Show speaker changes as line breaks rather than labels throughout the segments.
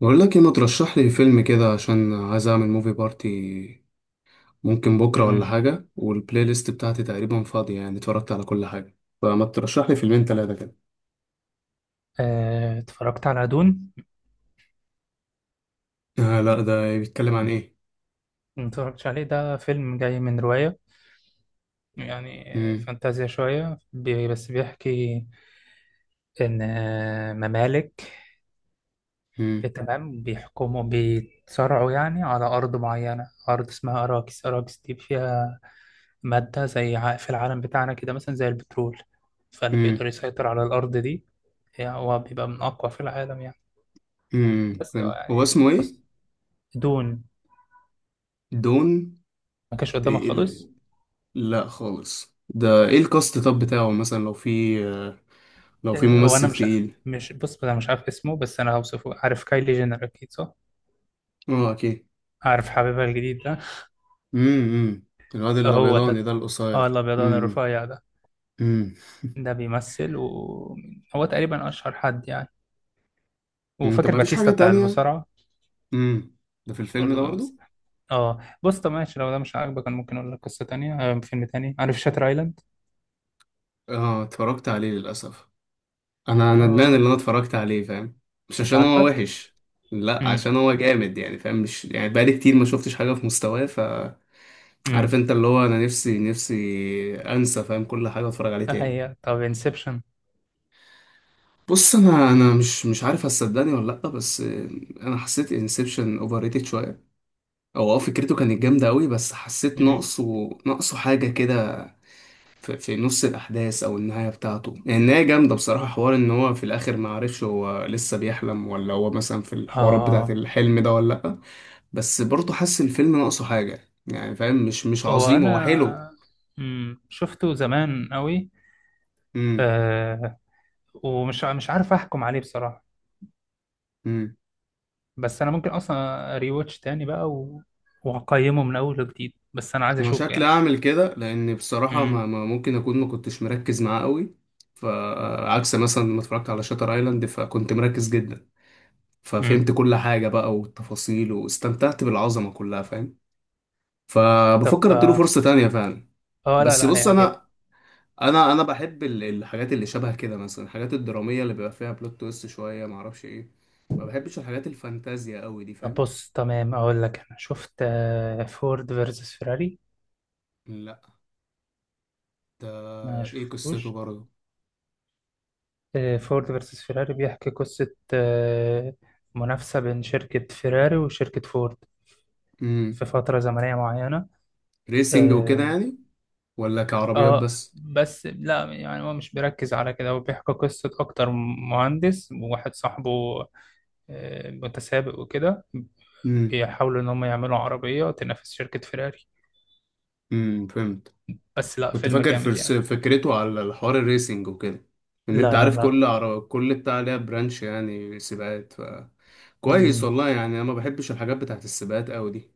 بقول لك ايه، ما ترشح لي فيلم كده عشان عايز اعمل موفي بارتي. ممكن بكره ولا
امم.
حاجه، والبلاي ليست بتاعتي تقريبا فاضيه، يعني اتفرجت على كل حاجه. فما ترشح لي فيلمين ثلاثه كده.
اتفرجت على دون.
آه لا، ده بيتكلم عن ايه؟
ما اتفرجتش عليه، ده فيلم جاي من رواية، يعني
مم.
فانتازيا شوية. بس بيحكي إن ممالك،
مم.
تمام، بيحكموا، بيتصارعوا يعني على أرض معينة. أرض اسمها أراكس. أراكس دي فيها مادة زي، في العالم بتاعنا كده مثلا زي البترول. فاللي
مم.
بيقدر يسيطر على الأرض دي، يعني هو بيبقى من أقوى في العالم يعني. بس هو
فهمت. هو
يعني،
اسمه
أص-
ايه؟
دون،
دون.
ما كانش قدامك
إيه ال-
خالص.
لا خالص. ده ايه الكاست طب بتاعه؟ مثلا لو في
هو انا
ممثل
مش
تقيل.
مش بص، انا مش عارف اسمه، بس انا هوصفه. عارف كايلي جينر، اكيد صح؟
اه اكيد.
عارف حبيبها الجديد ده؟
امم. الواد
هو
الابيضاني
ده.
ده
اه،
القصير.
الابيضان
امم.
الرفيع ده،
امم.
ده بيمثل، وهو تقريبا اشهر حد يعني.
طب
وفاكر
ما فيش حاجه
باتيستا بتاع
تانية؟
المصارعه؟
امم. ده في الفيلم
برضه
ده برضو؟
بيمثل. اه بص، طب ماشي، لو ده مش عاجبك انا ممكن اقول لك قصه تانية. فيلم تاني، عارف شاتر ايلاند؟
اه اتفرجت عليه للأسف. انا ندمان اللي
اه.
انا اتفرجت عليه، فاهم؟ مش
مش
عشان هو
عاجبك.
وحش، لا
امم.
عشان هو جامد يعني فاهم. مش يعني، بقالي كتير ما شفتش حاجة في مستواه، فعارف
امم.
انت اللي هو انا نفسي انسى، فاهم، كل حاجة، اتفرج عليه تاني.
هي طب انسبشن.
بص انا، انا مش عارف هتصدقني ولا لا، بس انا حسيت انسبشن اوفر ريتد شويه. او فكرته كانت جامده قوي بس حسيت
امم.
ناقصه حاجه كده. في نص الأحداث أو النهاية بتاعته. يعني النهاية جامدة بصراحة، حوار إن هو في الآخر ما عرفش هو لسه بيحلم ولا هو مثلا في الحوارات بتاعة
اه،
الحلم ده ولا لأ. بس برضه حاسس الفيلم ناقصه حاجة، يعني فاهم، مش
هو
عظيم، هو حلو.
انا، امم، شفته زمان قوي،
امم.
ومش مش عارف احكم عليه بصراحة.
امم.
بس انا ممكن اصلا ريواتش تاني بقى و... واقيمه من اول وجديد، بس انا عايز
أنا
اشوفه
شكلي
يعني.
أعمل كده، لأن بصراحة
امم.
ما, ما ممكن أكون ما كنتش مركز معاه قوي. فعكس مثلا لما اتفرجت على شاتر ايلاند، فكنت مركز جدا، ففهمت
امم.
كل حاجة بقى والتفاصيل واستمتعت بالعظمة كلها، فاهم. فبفكر
طب
اديله
اه،
فرصة تانية فعلا.
لا
بس
لا،
بص انا،
هيعجبك.
انا بحب الحاجات اللي شبه كده، مثلا الحاجات الدراميه اللي بيبقى فيها بلوت تويست شويه، ما اعرفش ايه. ما بحبش الحاجات الفانتازيا قوي دي،
طب
فاهم.
بص، تمام، اقول لك انا شفت فورد فيرسس فيراري.
لا ده،
ما
ايه قصته
شفتوش؟
برضه؟
فورد فيرسس فيراري بيحكي قصة منافسة بين شركة فيراري وشركة فورد،
امم.
في فترة زمنية معينة.
ريسنج وكده
آه،
يعني؟ ولا كعربيات
اه
بس؟
بس لا، يعني هو مش بيركز على كده، هو بيحكي قصة أكتر. مهندس وواحد صاحبه متسابق وكده،
امم.
بيحاولوا إن هم يعملوا عربية تنافس شركة فيراري.
فهمت.
بس لا،
كنت
فيلم
فاكر
جامد يعني.
فكرته على الحوار الريسنج وكده، ان انت
لا لا
عارف
لا.
كل بتاع ليها برانش، يعني سباقات. ف كويس
مم.
والله، يعني انا ما بحبش الحاجات بتاعت السباقات قوي دي.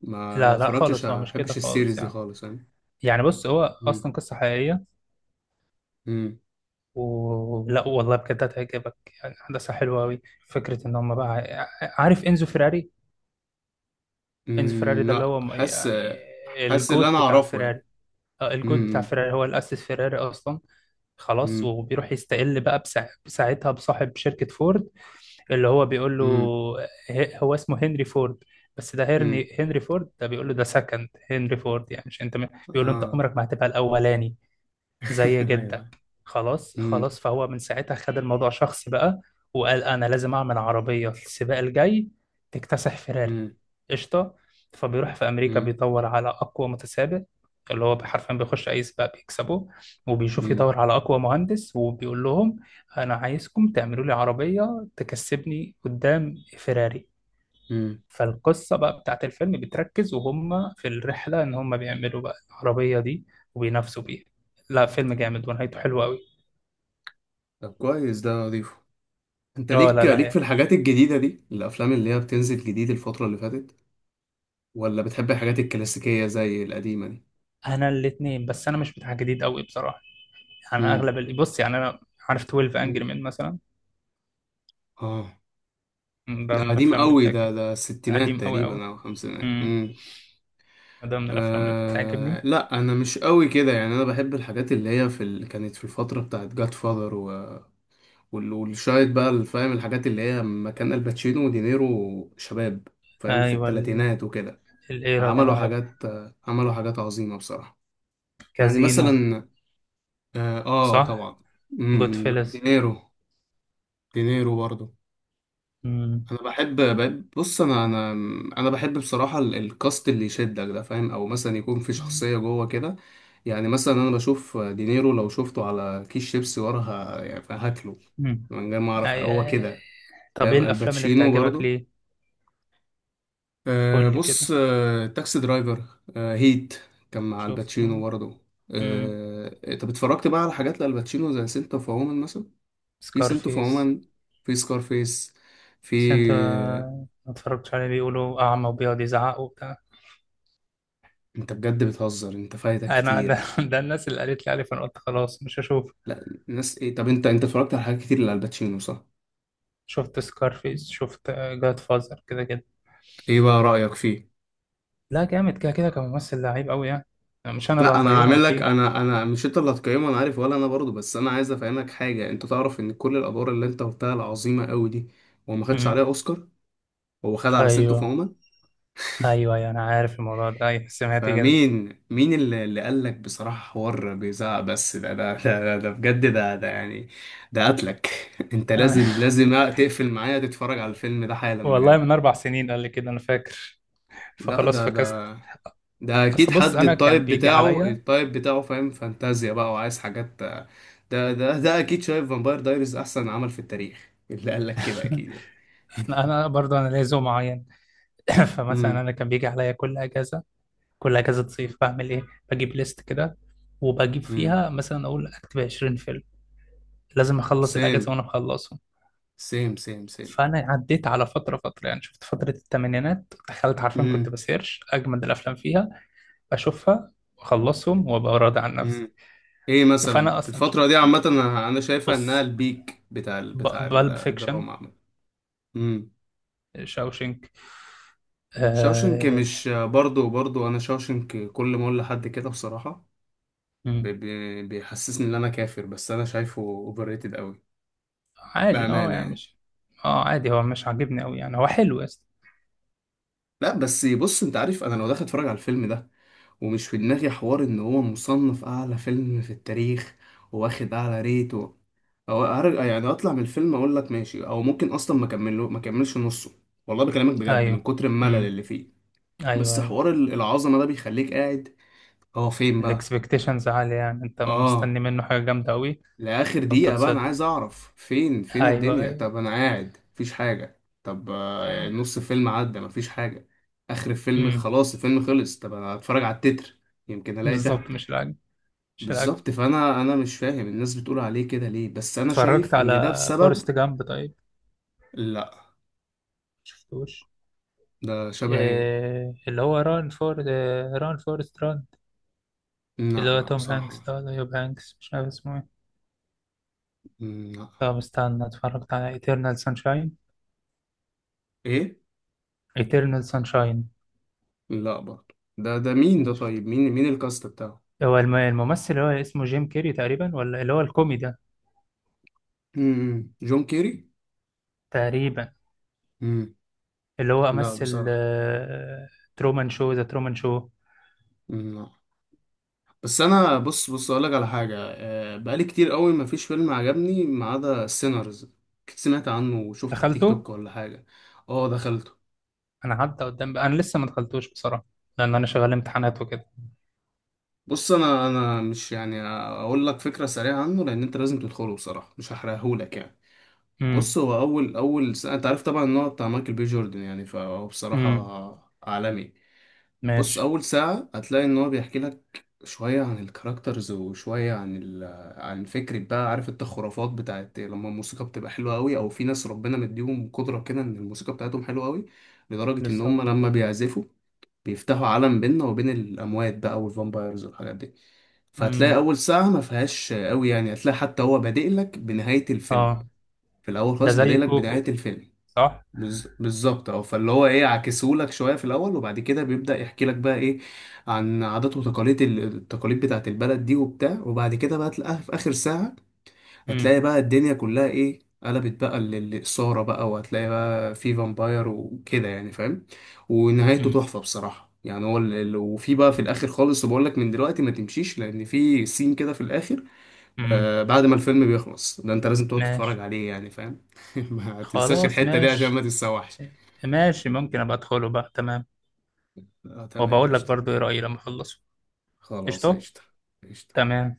ما ما
لا لا،
اتفرجتش
خالص هو
ما
مش كده
بحبش السيريز
خالص
دي
يعني.
خالص يعني.
يعني بص، هو
مم.
أصلا قصة حقيقية،
امم.
ولا والله بجد هتعجبك. يعني أحداثها حلوة أوي. فكرة إن هم بقى، عارف إنزو فيراري؟ إنزو فيراري
أمم،
ده اللي
لا
هو
حاسس.
يعني
حاسس اللي انا
الجوت بتاع
اعرفه
فيراري،
يعني.
الجود بتاع
امم.
فيراري، هو اللي أسس فيراري أصلا. خلاص،
امم.
وبيروح يستقل بقى ساعتها بصاحب شركة فورد، اللي هو بيقول له،
امم.
هو اسمه هنري فورد. بس ده
امم.
هنري فورد، ده بيقول له، ده سكند هنري فورد، يعني مش انت، بيقول له انت
اه.
عمرك ما هتبقى الاولاني زي جدك.
ايوه.
خلاص
امم.
خلاص، فهو من ساعتها خد الموضوع شخصي بقى، وقال انا لازم اعمل عربيه السباق الجاي تكتسح فيراري.
امم.
قشطه. فبيروح في امريكا
امم.
بيدور على اقوى متسابق، اللي هو حرفيا بيخش اي سباق بيكسبه، وبيشوف
امم.
يدور على اقوى مهندس، وبيقول لهم انا عايزكم تعملوا لي عربيه تكسبني قدام فيراري.
أمم.
فالقصة بقى بتاعت الفيلم بتركز وهم في الرحلة إن هم بيعملوا بقى العربية دي، وبينافسوا بيها. لا، فيلم جامد، ونهايته حلوة أوي.
طب كويس، ده اضيفه. انت
اه
ليك
لا لا
ليك في
يعني.
الحاجات الجديدة دي، الافلام اللي هي بتنزل جديد الفترة اللي فاتت، ولا بتحب الحاجات الكلاسيكية زي القديمة دي؟
أنا الاتنين، بس أنا مش بتاع جديد أوي بصراحة. يعني أنا
امم.
أغلب اللي، بص يعني أنا، عارف 12 أنجري
مم.
مان مثلا.
اه،
ده
ده
من
قديم
الأفلام اللي
قوي ده
بتعجبني.
ده الستينات
قديم أوي أوي.
تقريبا او خمسينات.
امم. ده من الأفلام اللي
آه
بتعجبني.
لا انا مش قوي كده يعني. انا بحب الحاجات اللي هي في كانت في الفتره بتاعت جاد فاذر و... والشايد بقى اللي فاهم، الحاجات اللي هي لما كان الباتشينو ودينيرو شباب، فاهم، في
أيوة،
الثلاثينات وكده.
الإيرا دي أنا
عملوا
عارف.
حاجات، عملوا حاجات عظيمه بصراحه. يعني
كازينو.
مثلا اه, آه
صح.
طبعا.
جود
مم،
فيلز.
دينيرو. دينيرو برضه.
امم.
انا بص انا، انا بحب بصراحه الكاست اللي يشدك ده، فاهم. او مثلا يكون في
امم.
شخصيه جوه كده. يعني مثلا انا بشوف دينيرو لو شفته على كيس شيبسي، يعني هاكله، من غير ما اعرف هو
أي.
كده،
طب إيه
فاهم.
الأفلام اللي
الباتشينو
بتعجبك
برضو.
ليه؟ قول
أه
لي
بص،
كده.
أه تاكسي درايفر. أه هيت، كان مع الباتشينو
شفته.
برضو.
امم.
أه طب اتفرجت بقى على حاجات لالباتشينو زي سنت اوف وومن مثلا؟ في سنت اوف
سكارفيس.
وومن، في سكارفيس، في
بس انت ما اتفرجتش عليه؟ بيقولوا اعمى وبيقعد يزعق وبتاع.
انت بجد بتهزر، انت فايتك
انا ده,
كتير.
ده الناس اللي قالت لي عليه، فانا قلت خلاص مش هشوف.
لا الناس ايه؟ طب انت، انت اتفرجت على حاجات كتير لالباتشينو صح؟
شفت سكارفيس، شفت جاد فازر، كده كده.
ايه بقى رأيك فيه؟
لا جامد كده كده، كممثل لعيب قوي يعني. مش انا اللي
لا انا
هقيمه
هعمل لك،
اكيد.
انا، مش انت اللي هتقيمه انا عارف، ولا انا برضو، بس انا عايز افهمك حاجه. انت تعرف ان كل الادوار اللي انت قلتها العظيمه قوي دي هو ما خدش عليها
امم.
اوسكار؟ هو خد على سنتو،
ايوه
فاهمة.
ايوه ايوه، انا عارف الموضوع ده. ايوه، سمعت كده.
فمين مين اللي قال لك بصراحه حوار بيزعق؟ بس ده ده بجد، ده يعني. ده قتلك. انت لازم لازم تقفل معايا، تتفرج على الفيلم ده حالا
والله
بجد.
من 4 سنين قال لي كده، انا فاكر،
لا
فخلاص
ده،
فكست.
ده اكيد
اصل بص
حد،
انا كان
التايب
بيجي
بتاعه
عليا.
التايب بتاعه، فاهم، فانتازيا بقى وعايز حاجات، ده ده ده اكيد شايف فامباير دايريز احسن عمل في التاريخ اللي قال لك كده، اكيد يعني.
انا برضه، انا ليا ذوق معين. فمثلا
امم.
انا كان بيجي عليا كل اجازه، كل اجازه صيف بعمل ايه، بجيب ليست كده، وبجيب
امم.
فيها مثلا، اقول اكتب 20 فيلم، لازم اخلص
سيم
الاجازه وانا مخلصهم.
سيم سيم.
فانا عديت على فتره فتره، يعني شفت فتره الثمانينات دخلت، عارفين كنت
امم.
بسيرش اجمد الافلام فيها، اشوفها واخلصهم وابقى راضي عن نفسي.
امم. ايه مثلا
فانا اصلا مش،
الفترة دي عامة، أنا شايفها انها
بص،
البيك بتاع بتاع
بالب فيكشن،
الدراما عامة. امم.
شاوشنك،
شاوشنك.
آه...
مش برضو، برضو انا شاوشنك كل ما اقول لحد كده بصراحة،
مم.
بيحسسني ان انا كافر، بس انا شايفه اوفر ريتد،
عادي اه،
بأمانة
يعني
يعني.
مش، اه عادي، هو مش عاجبني قوي يعني، هو حلو يا اسطى.
لا بس بص، انت عارف انا لو داخل اتفرج على الفيلم ده ومش في دماغي حوار ان هو مصنف اعلى فيلم في التاريخ، واخد اعلى ريت و... او ارجع يعني اطلع من الفيلم اقول لك ماشي، او ممكن اصلا ما اكملش نصه. والله بكلمك بجد من
ايوه
كتر الملل اللي فيه.
ايوه
بس
ايوه.
حوار العظمة ده بيخليك قاعد، هو فين بقى؟
الاكسبكتيشنز عالية، يعني انت
اه
مستني منه حاجة جامدة قوي،
لآخر دقيقة بقى، أنا
فبتتصدم.
عايز أعرف فين، فين
ايوه
الدنيا؟
ايوه.
طب أنا قاعد مفيش حاجة، طب نص الفيلم عدى مفيش حاجة. آخر الفيلم
امم.
خلاص، الفيلم خلص، طب أنا هتفرج على التتر، يمكن ألاقي في حاجة.
بالظبط، مش العجب، مش العجب.
بالظبط. فأنا، أنا مش فاهم الناس بتقول عليه كده ليه، بس أنا
اتفرجت
شايف إن ده
على
بسبب
فورست جامب طيب؟
لا
شفتوش؟
ده شبه إيه؟
إيه اللي هو ران فورست ران، اللي
لا
هو
لا
توم
بصراحة
هانكس ده، ولا يوب هانكس، مش عارف اسمه ايه.
مم، لا.
طب استنى، اتفرجت على ايترنال سانشاين؟
إيه؟
ايترنال سانشاين.
لا برضه ده، ده مين ده؟
شفته.
طيب مين، مين الكاست بتاعه؟
هو الممثل اللي هو اسمه جيم كيري تقريبا، ولا اللي هو الكوميدي ده.
مم، جون كيري.
تقريبا.
مم،
اللي هو
لا
امثل
بصراحة.
ترومان شو، ذا ترومان شو.
مم، لا. بس انا بص، بص اقول لك على حاجه، بقالي كتير قوي ما فيش فيلم عجبني ما عدا سينرز. سمعت عنه وشفته على تيك
دخلته.
توك ولا حاجه؟ اه دخلته.
انا عدى قدام بقى. انا لسه ما دخلتوش بصراحه، لان انا شغال امتحانات وكده.
بص انا، مش يعني اقول لك فكره سريعه عنه لان انت لازم تدخله بصراحه، مش هحرقهولك يعني.
امم.
بص هو اول، اول سنة انت عارف طبعا ان هو بتاع مايكل بي جوردن يعني، فهو
امم.
بصراحه عالمي. بص
ماشي.
اول ساعه هتلاقي ان هو بيحكي لك شويه عن الكاركترز وشويه عن عن فكره بقى. عارف انت الخرافات بتاعت لما الموسيقى بتبقى حلوه قوي، او في ناس ربنا مديهم قدره كده ان الموسيقى بتاعتهم حلوه قوي، لدرجه ان هم
بالظبط.
لما بيعزفوا بيفتحوا عالم بيننا وبين الاموات بقى، والفامبايرز والحاجات دي. فهتلاقي
امم.
اول ساعه ما فيهاش قوي، يعني هتلاقي حتى هو بادئ لك بنهايه الفيلم.
اه،
في الاول
ده
خالص
زي
بادئ لك بنهايه
كوكو.
الفيلم.
صح.
بالظبط، اه. فاللي هو ايه، عكسهولك شويه في الاول، وبعد كده بيبدا يحكي لك بقى ايه عن عادات وتقاليد التقاليد بتاعت البلد دي وبتاع. وبعد كده بقى تلاقيها في اخر ساعه،
امم.
هتلاقي بقى الدنيا كلها ايه، قلبت بقى للاثاره بقى، وهتلاقي بقى في فامباير وكده يعني، فاهم. ونهايته
امم.
تحفه بصراحه يعني. هو وفي بقى في الاخر خالص بقول لك من دلوقتي ما تمشيش لان في سين كده في الاخر.
امم.
آه بعد ما الفيلم بيخلص ده انت لازم تقعد
ماشي.
تتفرج عليه، يعني فاهم. ما تنساش
خلاص
الحته دي عشان ما
ماشي.
تتسوحش.
ماشي، ممكن ابقى ادخله بقى، تمام.
اه تمام
وبقول لك
قشطة.
برضو ايه رايي لما اخلصه.
خلاص
قشطه.
قشطة. قشطة.
تمام.